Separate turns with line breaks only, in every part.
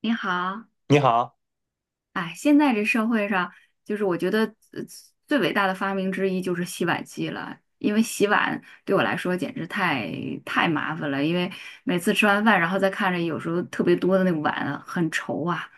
你好，
你好。
哎，现在这社会上，就是我觉得呃最伟大的发明之一就是洗碗机了，因为洗碗对我来说简直太麻烦了，因为每次吃完饭，然后再看着有时候特别多的那个碗啊很愁啊。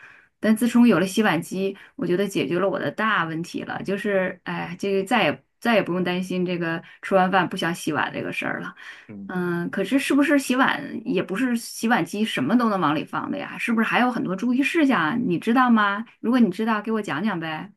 但自从有了洗碗机，我觉得解决了我的大问题了，就是哎，这个再也不用担心这个吃完饭不想洗碗这个事儿了。
嗯，
嗯，可是是不是洗碗也不是洗碗机什么都能往里放的呀？是不是还有很多注意事项啊你知道吗？如果你知道，给我讲讲呗。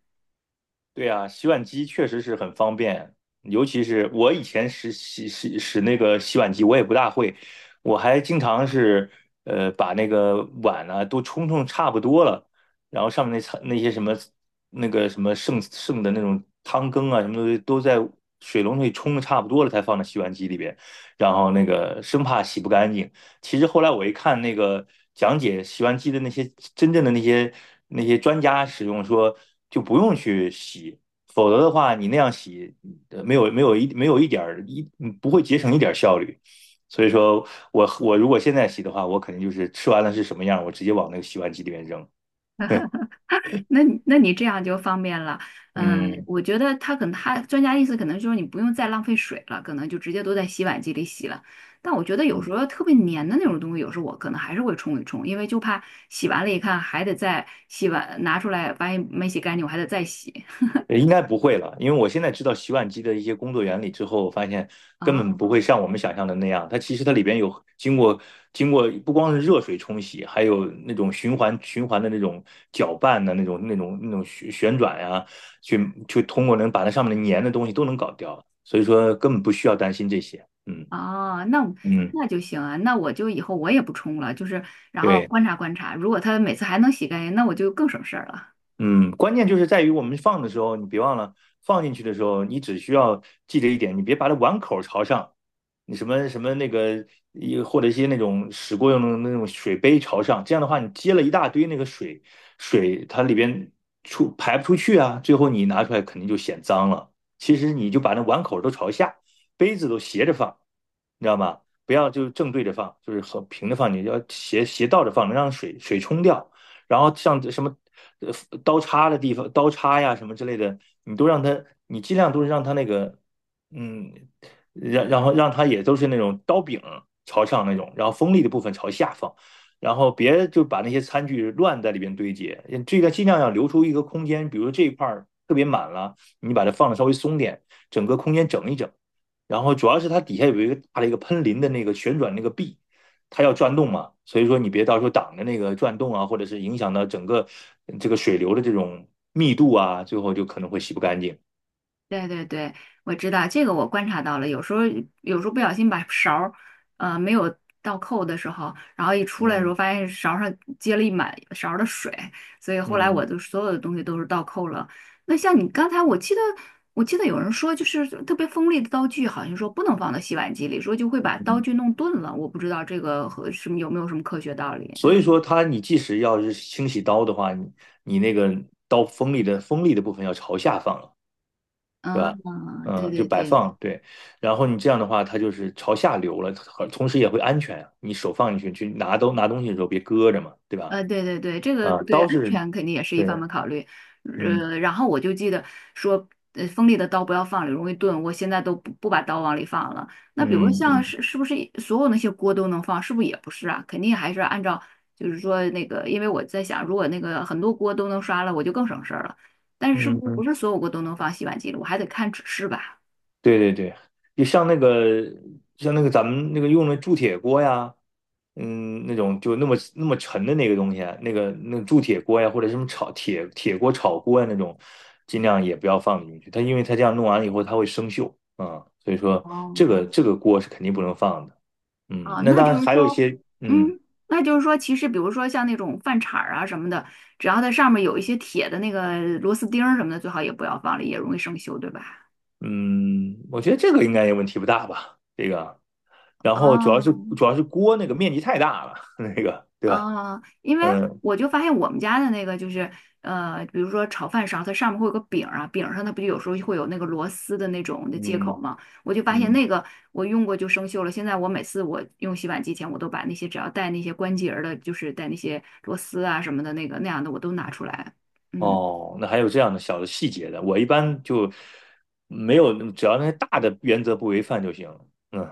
对啊，洗碗机确实是很方便，尤其是我以前使使那个洗碗机，我也不大会，我还经常是把那个碗呢，都冲差不多了，然后上面那层那些什么那个什么剩的那种汤羹啊什么东西都在水龙头里冲的差不多了，才放到洗碗机里边，然后那个生怕洗不干净。其实后来我一看那个讲解洗碗机的那些真正的那些那些专家使用说，就不用去洗，否则的话你那样洗，没有一点儿不会节省一点儿效率。所以说我如果现在洗的话，我肯定就是吃完了是什么样，我直接往那个洗碗机里面扔。
那你这样就方便了。嗯，
嗯。
我觉得他可能他专家意思可能就是你不用再浪费水了，可能就直接都在洗碗机里洗了。但我觉得有时
嗯，
候特别粘的那种东西，有时候我可能还是会冲一冲，因为就怕洗完了一看还得再洗碗，拿出来发现没洗干净，我还得再洗。
应该不会了，因为我现在知道洗碗机的一些工作原理之后，我发现根本
啊。
不会像我们想象的那样。它其实它里边有经过不光是热水冲洗，还有那种循环的那种搅拌的那种那种旋转呀，去去通过能把那上面的粘的东西都能搞掉。所以说根本不需要担心这些。嗯。
哦，那
嗯，
那就行啊，那我就以后我也不冲了，就是然后
对。
观察观察，如果他每次还能洗干净，那我就更省事儿了。
嗯，关键就是在于我们放的时候，你别忘了放进去的时候，你只需要记着一点，你别把它碗口朝上。你什么什么那个，或者一些那种使过用的那种水杯朝上，这样的话，你接了一大堆那个水，它里边出排不出去啊，最后你拿出来肯定就显脏了。其实你就把那碗口都朝下，杯子都斜着放，你知道吗？不要就是正对着放，就是和平着放，你要斜倒着放，能让水冲掉。然后像什么呃刀叉的地方，刀叉呀什么之类的，你都让它，你尽量都是让它那个。嗯，然后让它也都是那种刀柄朝上那种，然后锋利的部分朝下方，然后别就把那些餐具乱在里边堆积，这个尽量要留出一个空间，比如这一块儿特别满了，你把它放的稍微松点，整个空间整一整。然后主要是它底下有一个大的一个喷淋的那个旋转那个臂，它要转动嘛，所以说你别到时候挡着那个转动啊，或者是影响到整个这个水流的这种密度啊，最后就可能会洗不干净。
对对对，我知道这个，我观察到了。有时候不小心把勺儿，呃，没有倒扣的时候，然后一出来的时候，
嗯。
发现勺儿上接了一满勺儿的水，所以后来
嗯。
我就所有的东西都是倒扣了。那像你刚才，我记得有人说，就是特别锋利的刀具，好像说不能放到洗碗机里，说就会把刀
嗯，
具弄钝了。我不知道这个和什么有没有什么科学道理。
所以说它你即使要是清洗刀的话，你你那个刀锋利的部分要朝下放了，对吧？
嗯，对
嗯，就
对
摆
对。
放，对。然后你这样的话，它就是朝下流了，同时也会安全啊。你手放进去去拿东西的时候别搁着嘛，对吧？
呃，对对对，这个
啊，
对
刀
安
是，
全肯定也是一
对。
方面考虑。
嗯。
呃，然后我就记得说，呃，锋利的刀不要放里，容易钝。我现在都不把刀往里放了。那比如
嗯。
像
嗯。
是是不是所有那些锅都能放？是不是也不是啊？肯定还是按照就是说那个，因为我在想，如果那个很多锅都能刷了，我就更省事儿了。但是是
嗯。
不是
嗯，
不是所有锅都能放洗碗机里？我还得看指示吧。
对对对，就像那个像那个咱们那个用的铸铁锅呀。嗯，那种就那么那么沉的那个东西啊，那个那个铸铁锅呀，或者什么炒铁锅炒锅呀那种，尽量也不要放进去。它因为它这样弄完了以后，它会生锈啊，所以说
哦，
这个锅是肯定不能放的。嗯，
啊，
那
那
当
就
然
是
还有一
说，
些。嗯。
嗯，那就是说，其实比如说像那种饭铲儿啊什么的，只要它上面有一些铁的那个螺丝钉儿什么的，最好也不要放了，也容易生锈，对吧？
嗯，我觉得这个应该也问题不大吧，这个。然后主要是
哦，
主要是锅那个面积太大了，那个对吧？
哦，因为
嗯。
我就发现我们家的那个就是，呃，比如说炒饭勺，它上面会有个柄儿啊，柄儿上它不就有时候会有那个螺丝的那种的接口
嗯。
吗？我就发现
嗯。
那个我用过就生锈了。现在我每次我用洗碗机前，我都把那些只要带那些关节儿的，就是带那些螺丝啊什么的那个那样的，我都拿出来。嗯。
哦，那还有这样的小的细节的，我一般就没有，只要那些大的原则不违反就行。嗯，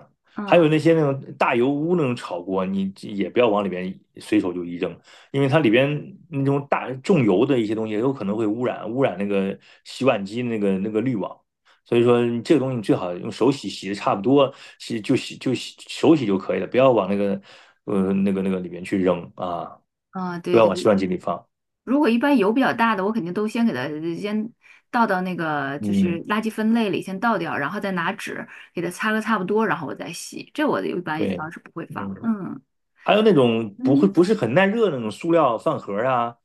还
嗯
有那些那种大油污那种炒锅，你也不要往里边随手就一扔，因为它里边那种大重油的一些东西，有可能会污染那个洗碗机那个那个滤网。所以说，你这个东西你最好用手洗，洗的差不多，洗就洗就洗手洗就可以了，不要往那个那个那个里面去扔啊，
嗯，
不
对
要往洗
对，
碗机里放。
如果一般油比较大的，我肯定都先给它先倒到那个就
嗯。
是垃圾分类里先倒掉，然后再拿纸给它擦个差不多，然后我再洗。这我一般也
对。
当是不会放。
嗯，
嗯
还有那种不会
嗯。
不是很耐热的那种塑料饭盒儿啊。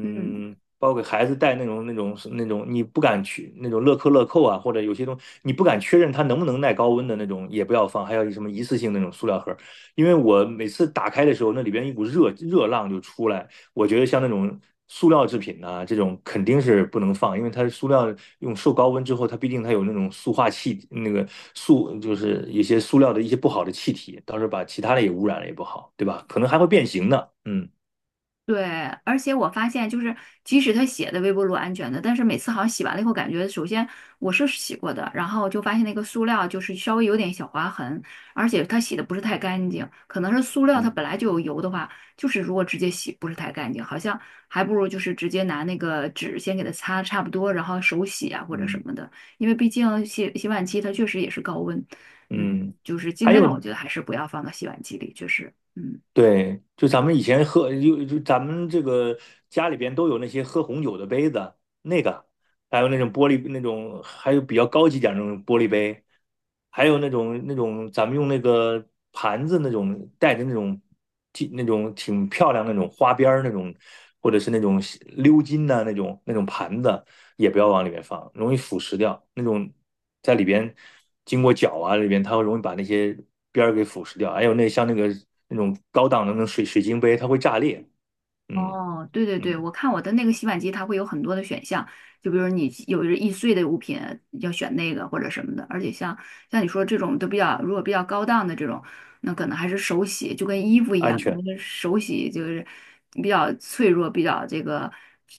嗯。
包括给孩子带那种那种那种你不敢去那种乐扣乐扣啊，或者有些东西你不敢确认它能不能耐高温的那种也不要放，还有什么一次性那种塑料盒儿，因为我每次打开的时候，那里边一股热热浪就出来。我觉得像那种塑料制品呐、这种肯定是不能放，因为它塑料用受高温之后，它毕竟它有那种塑化气，那个塑就是一些塑料的一些不好的气体，到时候把其他的也污染了也不好，对吧？可能还会变形呢。嗯。
对，而且我发现，就是即使他写的微波炉安全的，但是每次好像洗完了以后，感觉首先我是洗过的，然后就发现那个塑料就是稍微有点小划痕，而且它洗的不是太干净，可能是塑料它
嗯。
本来就有油的话，就是如果直接洗不是太干净，好像还不如就是直接拿那个纸先给它擦差不多，然后手洗啊或者什
嗯。
么的，因为毕竟洗碗机它确实也是高温，嗯，
嗯，
就是尽
还
量
有
我觉得还是不要放到洗碗机里，确实，嗯。
对，就咱们以前喝，就就咱们这个家里边都有那些喝红酒的杯子，那个还有那种玻璃那种，还有比较高级点儿那种玻璃杯，还有那种那种咱们用那个盘子那种带着那种挺那种挺漂亮那种花边儿那种，或者是那种鎏金的那种那种盘子，也不要往里面放，容易腐蚀掉。那种在里边经过搅啊，里边它会容易把那些边儿给腐蚀掉。还有那像那个那种高档的那种水晶杯，它会炸裂。嗯。
哦，对对
嗯，
对，我看我的那个洗碗机，它会有很多的选项，就比如你有易碎的物品要选那个或者什么的，而且像你说这种都比较，如果比较高档的这种，那可能还是手洗，就跟衣服一
安
样，
全。
那个手洗就是比较脆弱，比较这个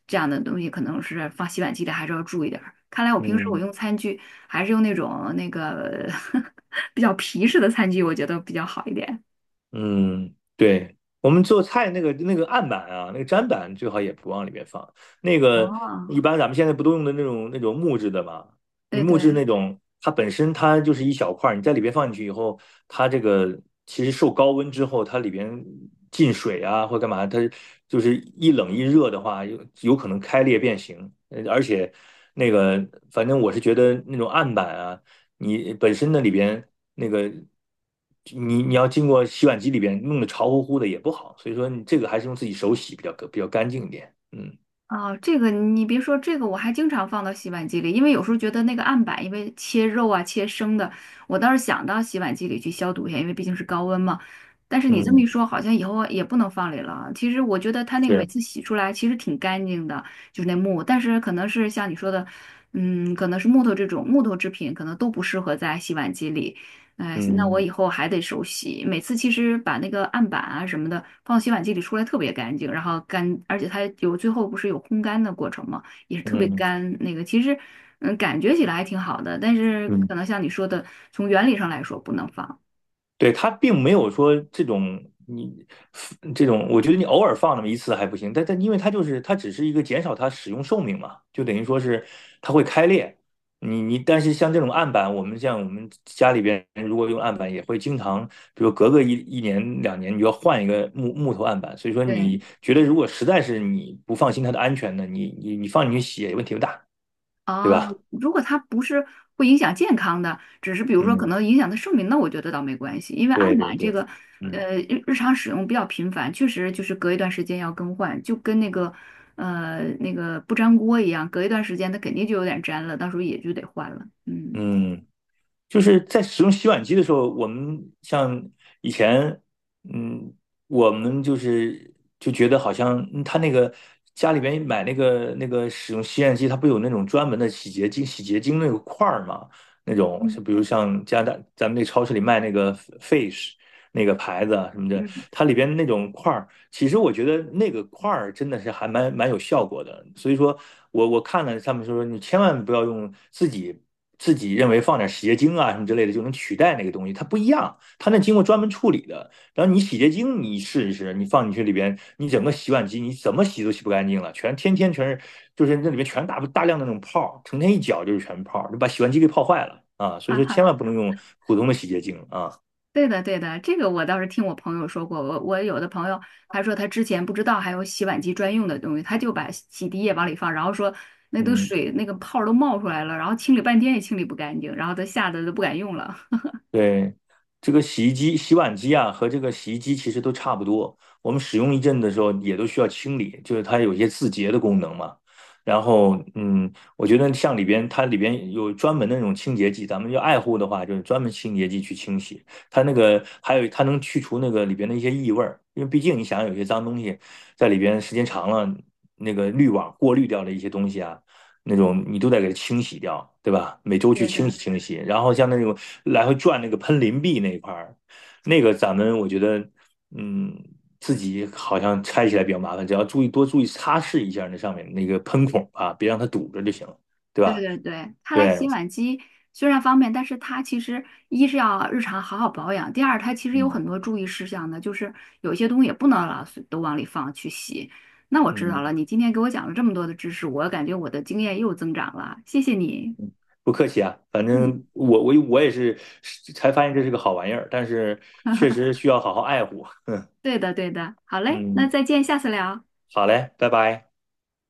这样的东西，可能是放洗碗机里还是要注意点儿。看来我平时我
嗯。
用餐具还是用那种那个 比较皮实的餐具，我觉得比较好一点。
嗯，对，我们做菜那个那个案板啊，那个砧板最好也不往里面放。那个一
哦，
般咱们现在不都用的那种那种木质的嘛？你
对
木质
对。
那种，它本身它就是一小块儿，你在里边放进去以后，它这个其实受高温之后，它里边进水啊或干嘛，它就是一冷一热的话，有可能开裂变形。而且那个，反正我是觉得那种案板啊。你本身那里边那个，你你要经过洗碗机里边弄得潮乎乎的也不好，所以说你这个还是用自己手洗比较比较干净一点。嗯。
哦，这个你别说，这个我还经常放到洗碗机里，因为有时候觉得那个案板，因为切肉啊、切生的，我倒是想到洗碗机里去消毒一下，因为毕竟是高温嘛。但是你这么
嗯，
一说，好像以后也不能放里了。其实我觉得它那个每
是。
次洗出来其实挺干净的，就是那木，但是可能是像你说的，嗯，可能是木头这种木头制品，可能都不适合在洗碗机里。哎，那我
嗯。
以后还得手洗。每次其实把那个案板啊什么的放洗碗机里出来特别干净，然后干，而且它有最后不是有烘干的过程嘛，也是特别
嗯。
干。那个其实，嗯，感觉起来还挺好的，但是
嗯。
可能像你说的，从原理上来说不能放。
对，它并没有说这种你这种，我觉得你偶尔放那么一次还不行，但但因为它就是它只是一个减少它使用寿命嘛，就等于说是它会开裂。你你但是像这种案板，我们像我们家里边如果用案板，也会经常，比如隔个一年两年，你就要换一个木头案板。所以说，你
对。
觉得如果实在是你不放心它的安全呢，你你你放进去洗也问题不大，对
啊，
吧？
如果它不是会影响健康的，只是比如说可
嗯，
能影响它寿命，那我觉得倒没关系，因为
对
案
对
板这
对。
个，
嗯。
呃，日常使用比较频繁，确实就是隔一段时间要更换，就跟那个，呃，那个不粘锅一样，隔一段时间它肯定就有点粘了，到时候也就得换了。嗯
嗯，就是在使用洗碗机的时候，我们像以前，嗯，我们就是就觉得好像嗯他那个家里边买那个那个使用洗碗机，它不有那种专门的洗洁精那个块儿嘛？那种是
嗯，
比如像加拿大咱们那超市里卖那个 Fish 那个牌子啊什么的，
嗯，
它里边那种块儿。其实我觉得那个块儿真的是还蛮有效果的，所以说我看了他们说你千万不要用自己认为放点洗洁精啊什么之类的就能取代那个东西，它不一样，它那经过专门处理的。然后你洗洁精你试一试，你放进去里边，你整个洗碗机你怎么洗都洗不干净了，全全是就是那里面全大量的那种泡，成天一搅就是全泡，就把洗碗机给泡坏了啊。所以
哈
说
哈。
千万不能用普通的洗洁精啊。
对的，对的，这个我倒是听我朋友说过。我有的朋友他说他之前不知道还有洗碗机专用的东西，他就把洗涤液往里放，然后说那都
嗯，
水那个泡儿都冒出来了，然后清理半天也清理不干净，然后他吓得都不敢用了。
对，这个洗衣机、洗碗机啊，和这个洗衣机其实都差不多。我们使用一阵的时候，也都需要清理，就是它有一些自洁的功能嘛。然后。嗯，我觉得像里边它里边有专门的那种清洁剂，咱们要爱护的话，就是专门清洁剂去清洗。它那个还有它能去除那个里边的一些异味儿，因为毕竟你想有些脏东西在里边时间长了，那个滤网过滤掉的一些东西啊。那种你都得给它清洗掉，对吧？每周去
对
清
的，
洗清洗，然后像那种来回转那个喷淋臂那一块儿，那个咱们我觉得。嗯，自己好像拆起来比较麻烦，只要注意多注意擦拭一下那上面那个喷孔啊，别让它堵着就行了，对
对
吧？
对对，看来
对。
洗碗机虽然方便，但是它其实一是要日常好好保养，第二它其实有
嗯。
很多注意事项的，就是有一些东西也不能老是都往里放去洗。那我知
嗯，
道了，你今天给我讲了这么多的知识，我感觉我的经验又增长了，谢谢你。
不客气啊，反正
嗯，
我也是才发现这是个好玩意儿，但是确实需要好好爱护。
对的，对的，好嘞，那
嗯，
再见，下次聊。
好嘞，拜拜。